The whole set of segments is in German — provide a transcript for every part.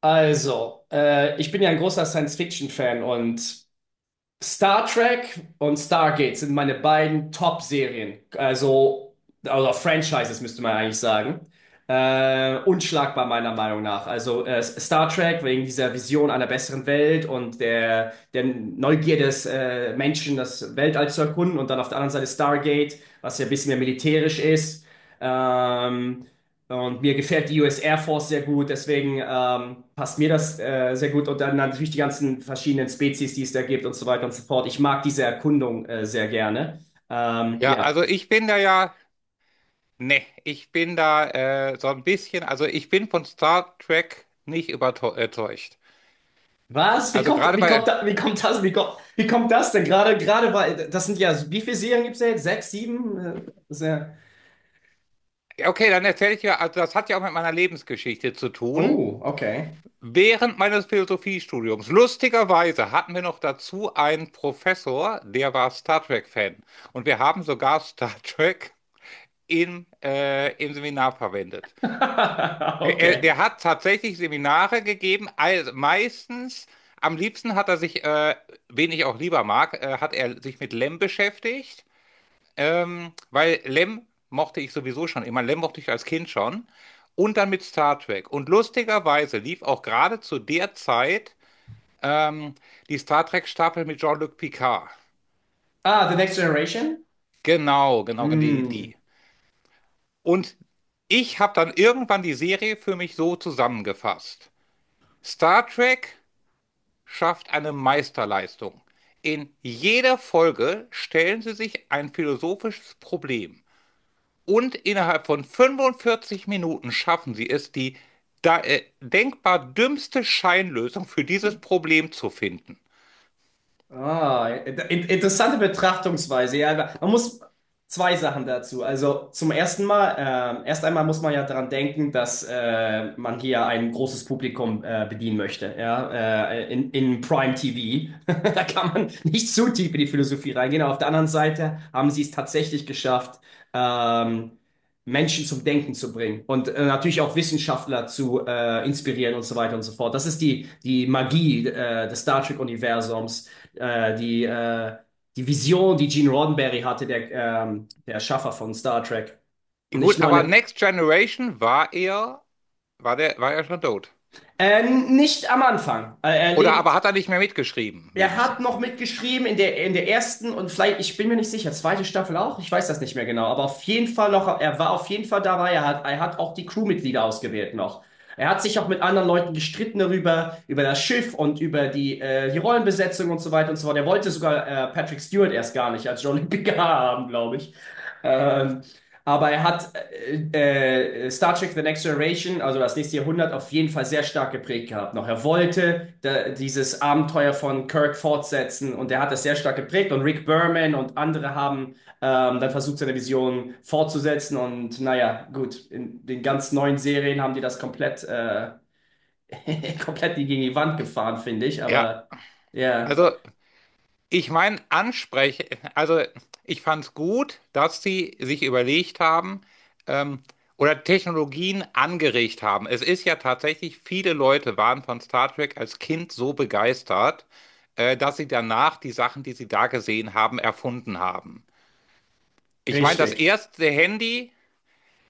Also, ich bin ja ein großer Science-Fiction-Fan, und Star Trek und Stargate sind meine beiden Top-Serien. Also, Franchises müsste man eigentlich sagen. Unschlagbar meiner Meinung nach. Also Star Trek wegen dieser Vision einer besseren Welt und der Neugier des Menschen, das Weltall zu erkunden. Und dann auf der anderen Seite Stargate, was ja ein bisschen mehr militärisch ist. Ähm, und mir gefällt die US Air Force sehr gut, deswegen passt mir das sehr gut. Und dann natürlich die ganzen verschiedenen Spezies, die es da gibt und so weiter und so fort. Ich mag diese Erkundung sehr gerne. Ja, Ja. also ich bin da ja, ne, ich bin da so ein bisschen, also ich bin von Star Trek nicht überzeugt. Was? Also gerade bei, Wie kommt das denn? Gerade, gerade war, das sind ja, Wie viele Serien gibt es jetzt? Sechs, sieben? Das ist ja, ja, okay, dann erzähle ich dir, also das hat ja auch mit meiner Lebensgeschichte zu tun. oh, okay. Während meines Philosophiestudiums, lustigerweise, hatten wir noch dazu einen Professor, der war Star Trek-Fan. Und wir haben sogar Star Trek im Seminar verwendet. Der, Okay. der hat tatsächlich Seminare gegeben, also meistens, am liebsten hat er sich, wen ich auch lieber mag, hat er sich mit Lem beschäftigt, weil Lem mochte ich sowieso schon immer, Lem mochte ich als Kind schon, und dann mit Star Trek. Und lustigerweise lief auch gerade zu der Zeit ähm, die Star Trek-Staffel mit Jean-Luc Picard. Ah, The Next Generation? Genau, genau, genau, die, Mm. die. Und ich habe dann irgendwann die Serie für mich so zusammengefasst. Star Trek schafft eine Meisterleistung. In jeder Folge stellen sie sich ein philosophisches Problem. Und innerhalb von 45 Minuten schaffen sie es, die denkbar dümmste Scheinlösung für dieses Problem zu finden. Ah, interessante Betrachtungsweise. Ja, aber man muss zwei Sachen dazu. Also zum ersten Mal, erst einmal muss man ja daran denken, dass man hier ein großes Publikum bedienen möchte. Ja, in Prime TV. Da kann man nicht zu tief in die Philosophie reingehen. Aber auf der anderen Seite haben sie es tatsächlich geschafft, ähm, Menschen zum Denken zu bringen und natürlich auch Wissenschaftler zu inspirieren und so weiter und so fort. Das ist die Magie des Star Trek-Universums, äh, die, äh, die Vision, die Gene Roddenberry hatte, der Erschaffer von Star Trek. Nicht Gut, nur aber eine. Next Generation war er, war der, war er schon tot. Nicht am Anfang. Er Oder aber lebt. hat er nicht mehr mitgeschrieben, Er hat wenigstens. noch mitgeschrieben in der ersten und vielleicht, ich bin mir nicht sicher, zweite Staffel auch, ich weiß das nicht mehr genau, aber auf jeden Fall noch, er war auf jeden Fall dabei, er hat auch die Crewmitglieder ausgewählt noch. Er hat sich auch mit anderen Leuten gestritten darüber, über das Schiff und über die Rollenbesetzung und so weiter und so fort. Er wollte sogar Patrick Stewart erst gar nicht als Jean-Luc Picard haben, glaube ich. Ähm, aber er hat Star Trek The Next Generation, also das nächste Jahrhundert, auf jeden Fall sehr stark geprägt gehabt noch. Er wollte dieses Abenteuer von Kirk fortsetzen, und er hat das sehr stark geprägt. Und Rick Berman und andere haben dann versucht, seine Vision fortzusetzen. Und naja, gut, in den ganz neuen Serien haben die das komplett gegen die Wand gefahren, finde ich. Ja, Aber ja, also ich meine, anspreche, also ich fand es gut, dass sie sich überlegt haben ähm, oder Technologien angeregt haben. Es ist ja tatsächlich, viele Leute waren von Star Trek als Kind so begeistert, dass sie danach die Sachen, die sie da gesehen haben, erfunden haben. Ich meine, das richtig. erste Handy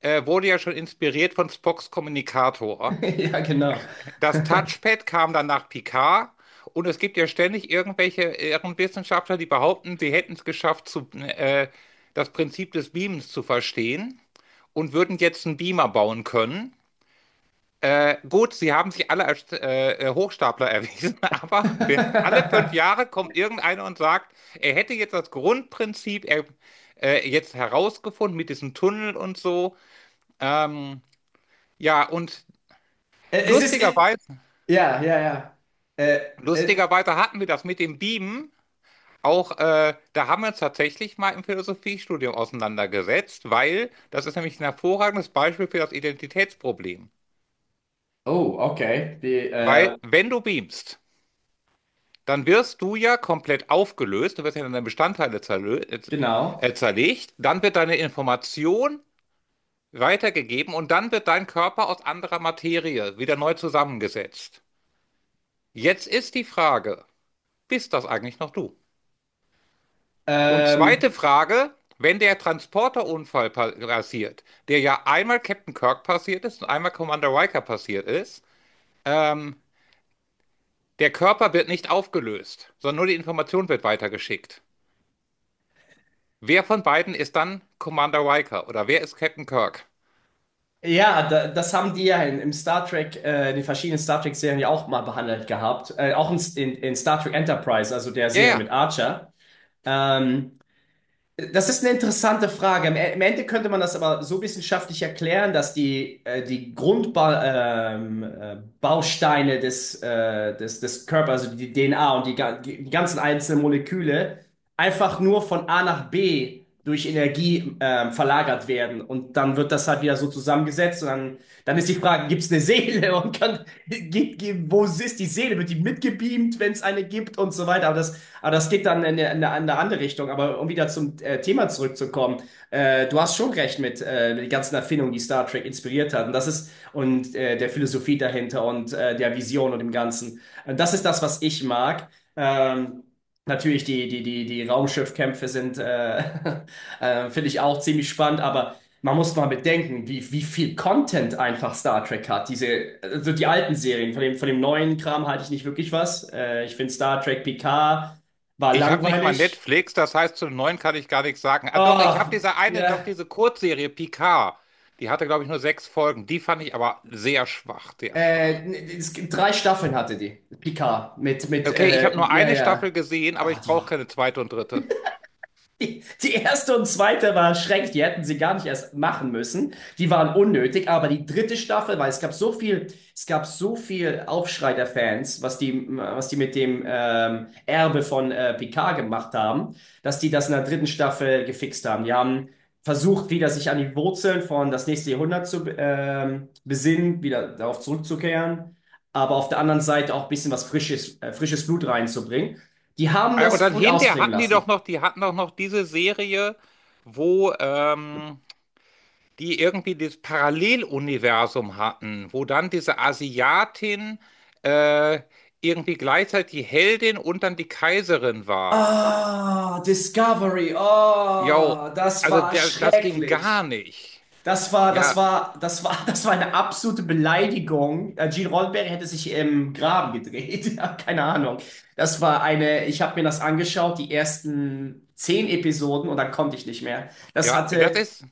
wurde ja schon inspiriert von Spocks Kommunikator. Ja, genau. Das Touchpad kam dann nach Picard und es gibt ja ständig irgendwelche Ehrenwissenschaftler, die behaupten, sie hätten es geschafft, das Prinzip des Beamens zu verstehen und würden jetzt einen Beamer bauen können. Gut, sie haben sich alle als Hochstapler erwiesen, aber alle 5 Jahre kommt irgendeiner und sagt, er hätte jetzt das Grundprinzip er, jetzt herausgefunden mit diesem Tunnel und so. Ähm, ja, und Es ist. lustigerweise, Ja, ja, ja. Äh, äh, lustigerweise hatten wir das mit dem Beamen auch. Da haben wir uns tatsächlich mal im Philosophiestudium auseinandergesetzt, weil das ist nämlich ein hervorragendes Beispiel für das Identitätsproblem. oh, okay. Weil wenn du beamst, dann wirst du ja komplett aufgelöst, du wirst ja in deine Bestandteile zerlö- Genau. zerlegt, dann wird deine Information weitergegeben und dann wird dein Körper aus anderer Materie wieder neu zusammengesetzt. Jetzt ist die Frage, bist das eigentlich noch du? Und Ähm, zweite Frage, wenn der Transporterunfall pa- passiert, der ja einmal Captain Kirk passiert ist und einmal Commander Riker passiert ist, ähm, der Körper wird nicht aufgelöst, sondern nur die Information wird weitergeschickt. Wer von beiden ist dann Commander Riker oder wer ist Captain Kirk? ja, das haben die ja im Star Trek, die verschiedenen Star Trek-Serien ja auch mal behandelt gehabt. Auch in Star Trek Enterprise, also der Ja, Serie mit ja. Archer. Ähm, Das ist eine interessante Frage. Im Ende könnte man das aber so wissenschaftlich erklären, dass die Grundbausteine des Körpers, also die DNA und die ganzen einzelnen Moleküle, einfach nur von A nach B durch Energie verlagert werden. Und dann wird das halt wieder so zusammengesetzt. Und dann ist die Frage, gibt es eine Seele? Wo ist die Seele? Wird die mitgebeamt, wenn es eine gibt und so weiter? Aber das geht dann in eine andere Richtung. Aber um wieder zum Thema zurückzukommen, du hast schon recht mit den ganzen Erfindungen, die Star Trek inspiriert hat. Und der Philosophie dahinter und der Vision und dem Ganzen. Und das ist das, was ich mag. Ähm, Natürlich, die Raumschiffkämpfe sind, finde ich auch ziemlich spannend, aber man muss mal bedenken, wie viel Content einfach Star Trek hat. Diese, also die alten Serien, von dem neuen Kram halte ich nicht wirklich was. Ich finde Star Trek Picard war Ich habe nicht mal langweilig. Netflix, das heißt, zum Neuen kann ich gar nichts sagen. Ah, doch, ich habe Ah, diese eine, doch ja. diese Kurzserie Picard. Die hatte, glaube ich, nur 6 Folgen. Die fand ich aber sehr schwach, sehr schwach. Es gibt drei Staffeln hatte die, Picard, Okay, ich habe nur ja, eine Staffel ja. gesehen, aber Ah, ich die brauche war keine zweite und dritte. Die, die erste und zweite war schrecklich, die hätten sie gar nicht erst machen müssen. Die waren unnötig, aber die dritte Staffel, weil es gab so viel, es gab so viel Aufschrei der Fans, was die mit dem Erbe von Picard gemacht haben, dass die das in der dritten Staffel gefixt haben. Die haben versucht, wieder sich an die Wurzeln von das nächste Jahrhundert zu besinnen, wieder darauf zurückzukehren, aber auf der anderen Seite auch ein bisschen was frisches Blut reinzubringen. Die haben Und das dann gut hinterher ausklingen hatten die doch lassen. noch, die hatten doch noch diese Serie, wo die irgendwie dieses Paralleluniversum hatten, wo dann diese Asiatin äh, irgendwie gleichzeitig die Heldin und dann die Kaiserin war. Ah, Discovery. Jo, Oh, das also war der, das ging gar schrecklich. nicht. Ja, das war eine absolute Beleidigung. Gene Roddenberry hätte sich im Graben gedreht. Ja, keine Ahnung. Ich habe mir das angeschaut, die ersten 10 Episoden und dann konnte ich nicht mehr. Ja, das ist.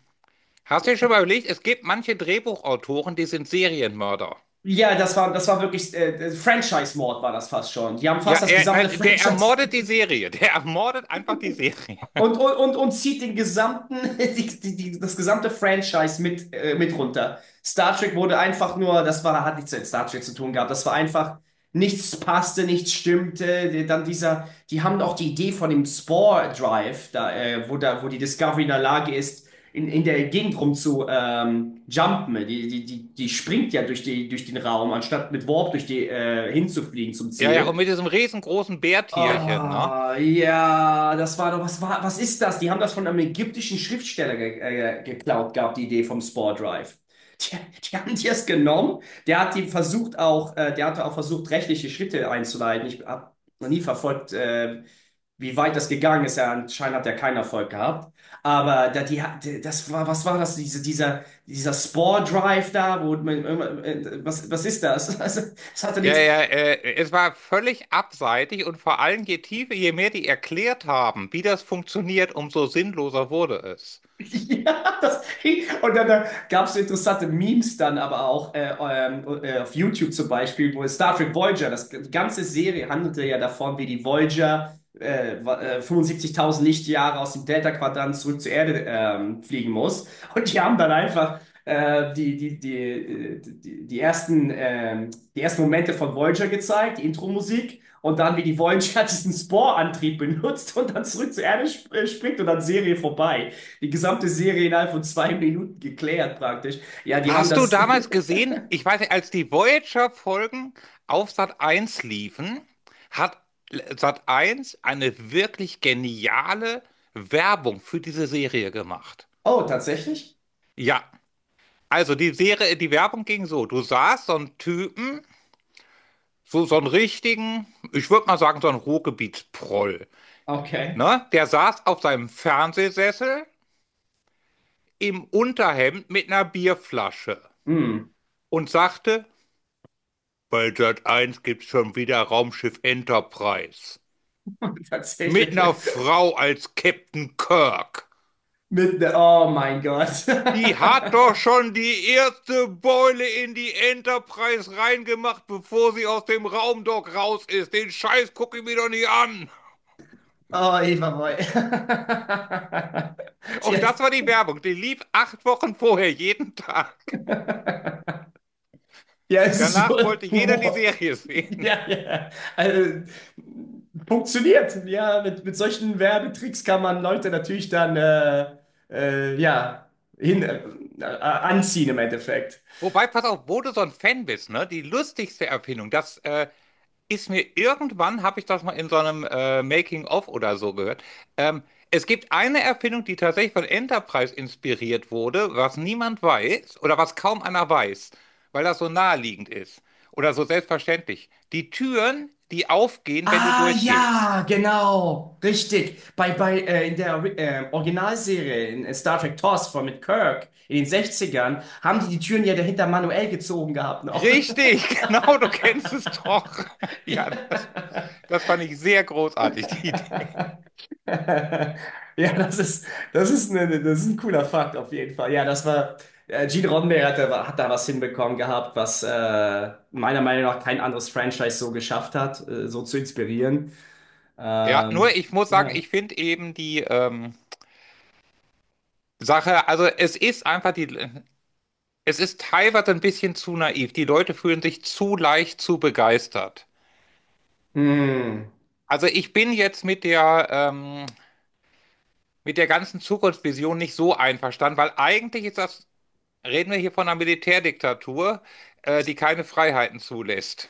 Hast du dir schon mal überlegt, es gibt manche Drehbuchautoren, die sind Serienmörder. Ja, das war wirklich, Franchise-Mord war das fast schon. Die haben Ja, fast das er, gesamte nein, der Franchise. ermordet die Serie. Der ermordet einfach die Serie. Und, und, und, und zieht den gesamten, das gesamte Franchise mit runter. Star Trek wurde einfach nur, hat nichts mit Star Trek zu tun gehabt, das war einfach, nichts passte, nichts stimmte. Die haben auch die Idee von dem Spore Drive, da, wo die Discovery in der Lage ist, in der Gegend rum zu jumpen. Die springt ja durch, durch den Raum, anstatt mit Warp durch hinzufliegen zum Ja, ja, und mit Ziel. diesem riesengroßen Bärtierchen, ne? Ah, ja, das war doch, was war, was ist das? Die haben das von einem ägyptischen Schriftsteller ge geklaut gehabt, die Idee vom Spore Drive. Die, die haben die es genommen. Der hatte auch versucht, rechtliche Schritte einzuleiten. Ich habe noch nie verfolgt, wie weit das gegangen ist. Ja, anscheinend hat er keinen Erfolg gehabt. Aber da, die, hat- das war, Was war das? Dieser Spore Drive da, wo was ist das? Das hatte Ja, nichts. ja, es war völlig abseitig und vor allem je tiefer, je mehr die erklärt haben, wie das funktioniert, umso sinnloser wurde es. Ja, und dann gab es interessante Memes dann aber auch auf YouTube zum Beispiel, wo es Star Trek Voyager, die ganze Serie handelte ja davon, wie die Voyager 75.000 Lichtjahre aus dem Delta-Quadrant zurück zur Erde fliegen muss. Und die haben dann einfach die ersten Momente von Voyager gezeigt, die Intro-Musik. Und dann, wie die Voyager diesen Sporantrieb benutzt und dann zurück zur Erde sp springt und dann Serie vorbei. Die gesamte Serie innerhalb von 2 Minuten geklärt praktisch. Ja, die haben Hast du das. damals gesehen, ich weiß nicht, als die Voyager-Folgen auf Sat 1 liefen, hat Sat 1 eine wirklich geniale Werbung für diese Serie gemacht. Oh, tatsächlich? Ja, also die Serie, die Werbung ging so, du sahst so einen Typen, so, so einen richtigen, ich würde mal sagen, so einen Ruhrgebietsproll, Okay. ne? Der saß auf seinem Fernsehsessel im Unterhemd mit einer Bierflasche Hm, und sagte, bei Sat 1 gibt's schon wieder Raumschiff Enterprise. Mit tatsächlich. einer Frau als Captain Kirk. Mit ne Oh mein Gott. Die hat doch schon die erste Beule in die Enterprise reingemacht, bevor sie aus dem Raumdock raus ist. Den Scheiß gucke ich mir doch nicht an. Oh, Eva Boy. Sie Und hat- das war die Werbung. Die lief 8 Wochen vorher, jeden Tag. Ja, es ist so Danach wollte jeder die Humor. Serie sehen. Ja, ja. Also, funktioniert. Ja, mit solchen Werbetricks kann man Leute natürlich dann ja, anziehen im Endeffekt. Wobei, pass auf, wo du so ein Fan bist, ne? Die lustigste Erfindung, das, ist mir irgendwann, habe ich das mal in so einem Making-of oder so gehört. Ähm, Es gibt eine Erfindung, die tatsächlich von Enterprise inspiriert wurde, was niemand weiß oder was kaum einer weiß, weil das so naheliegend ist oder so selbstverständlich. Die Türen, die aufgehen, wenn du Ah durchgehst. ja, genau, richtig. Bei, bei In der Originalserie in Star Trek TOS von mit Kirk in den Sechzigern haben die die Türen ja dahinter manuell gezogen gehabt noch. Richtig, genau, du kennst es doch. Ja, das, das fand ich sehr großartig, die Idee. Ja, ja, das ist ein cooler Fakt auf jeden Fall. Ja, Gene Roddenberry hat da was hinbekommen gehabt, was meiner Meinung nach kein anderes Franchise so geschafft hat, so zu inspirieren. Ja, Ähm, nur ich muss sagen, ja. ich finde eben die Sache, also es ist einfach die, es ist teilweise ein bisschen zu naiv. Die Leute fühlen sich zu leicht zu begeistert. Hm. Also ich bin jetzt mit der ganzen Zukunftsvision nicht so einverstanden, weil eigentlich ist das, reden wir hier von einer Militärdiktatur, die keine Freiheiten zulässt.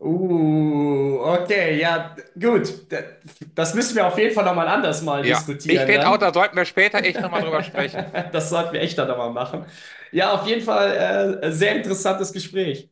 Okay, ja, gut. Das müssen wir auf jeden Fall nochmal anders mal Ja, ich diskutieren finde auch, dann. da sollten wir später echt nochmal drüber sprechen. Das sollten wir echt dann nochmal machen. Ja, auf jeden Fall sehr interessantes Gespräch.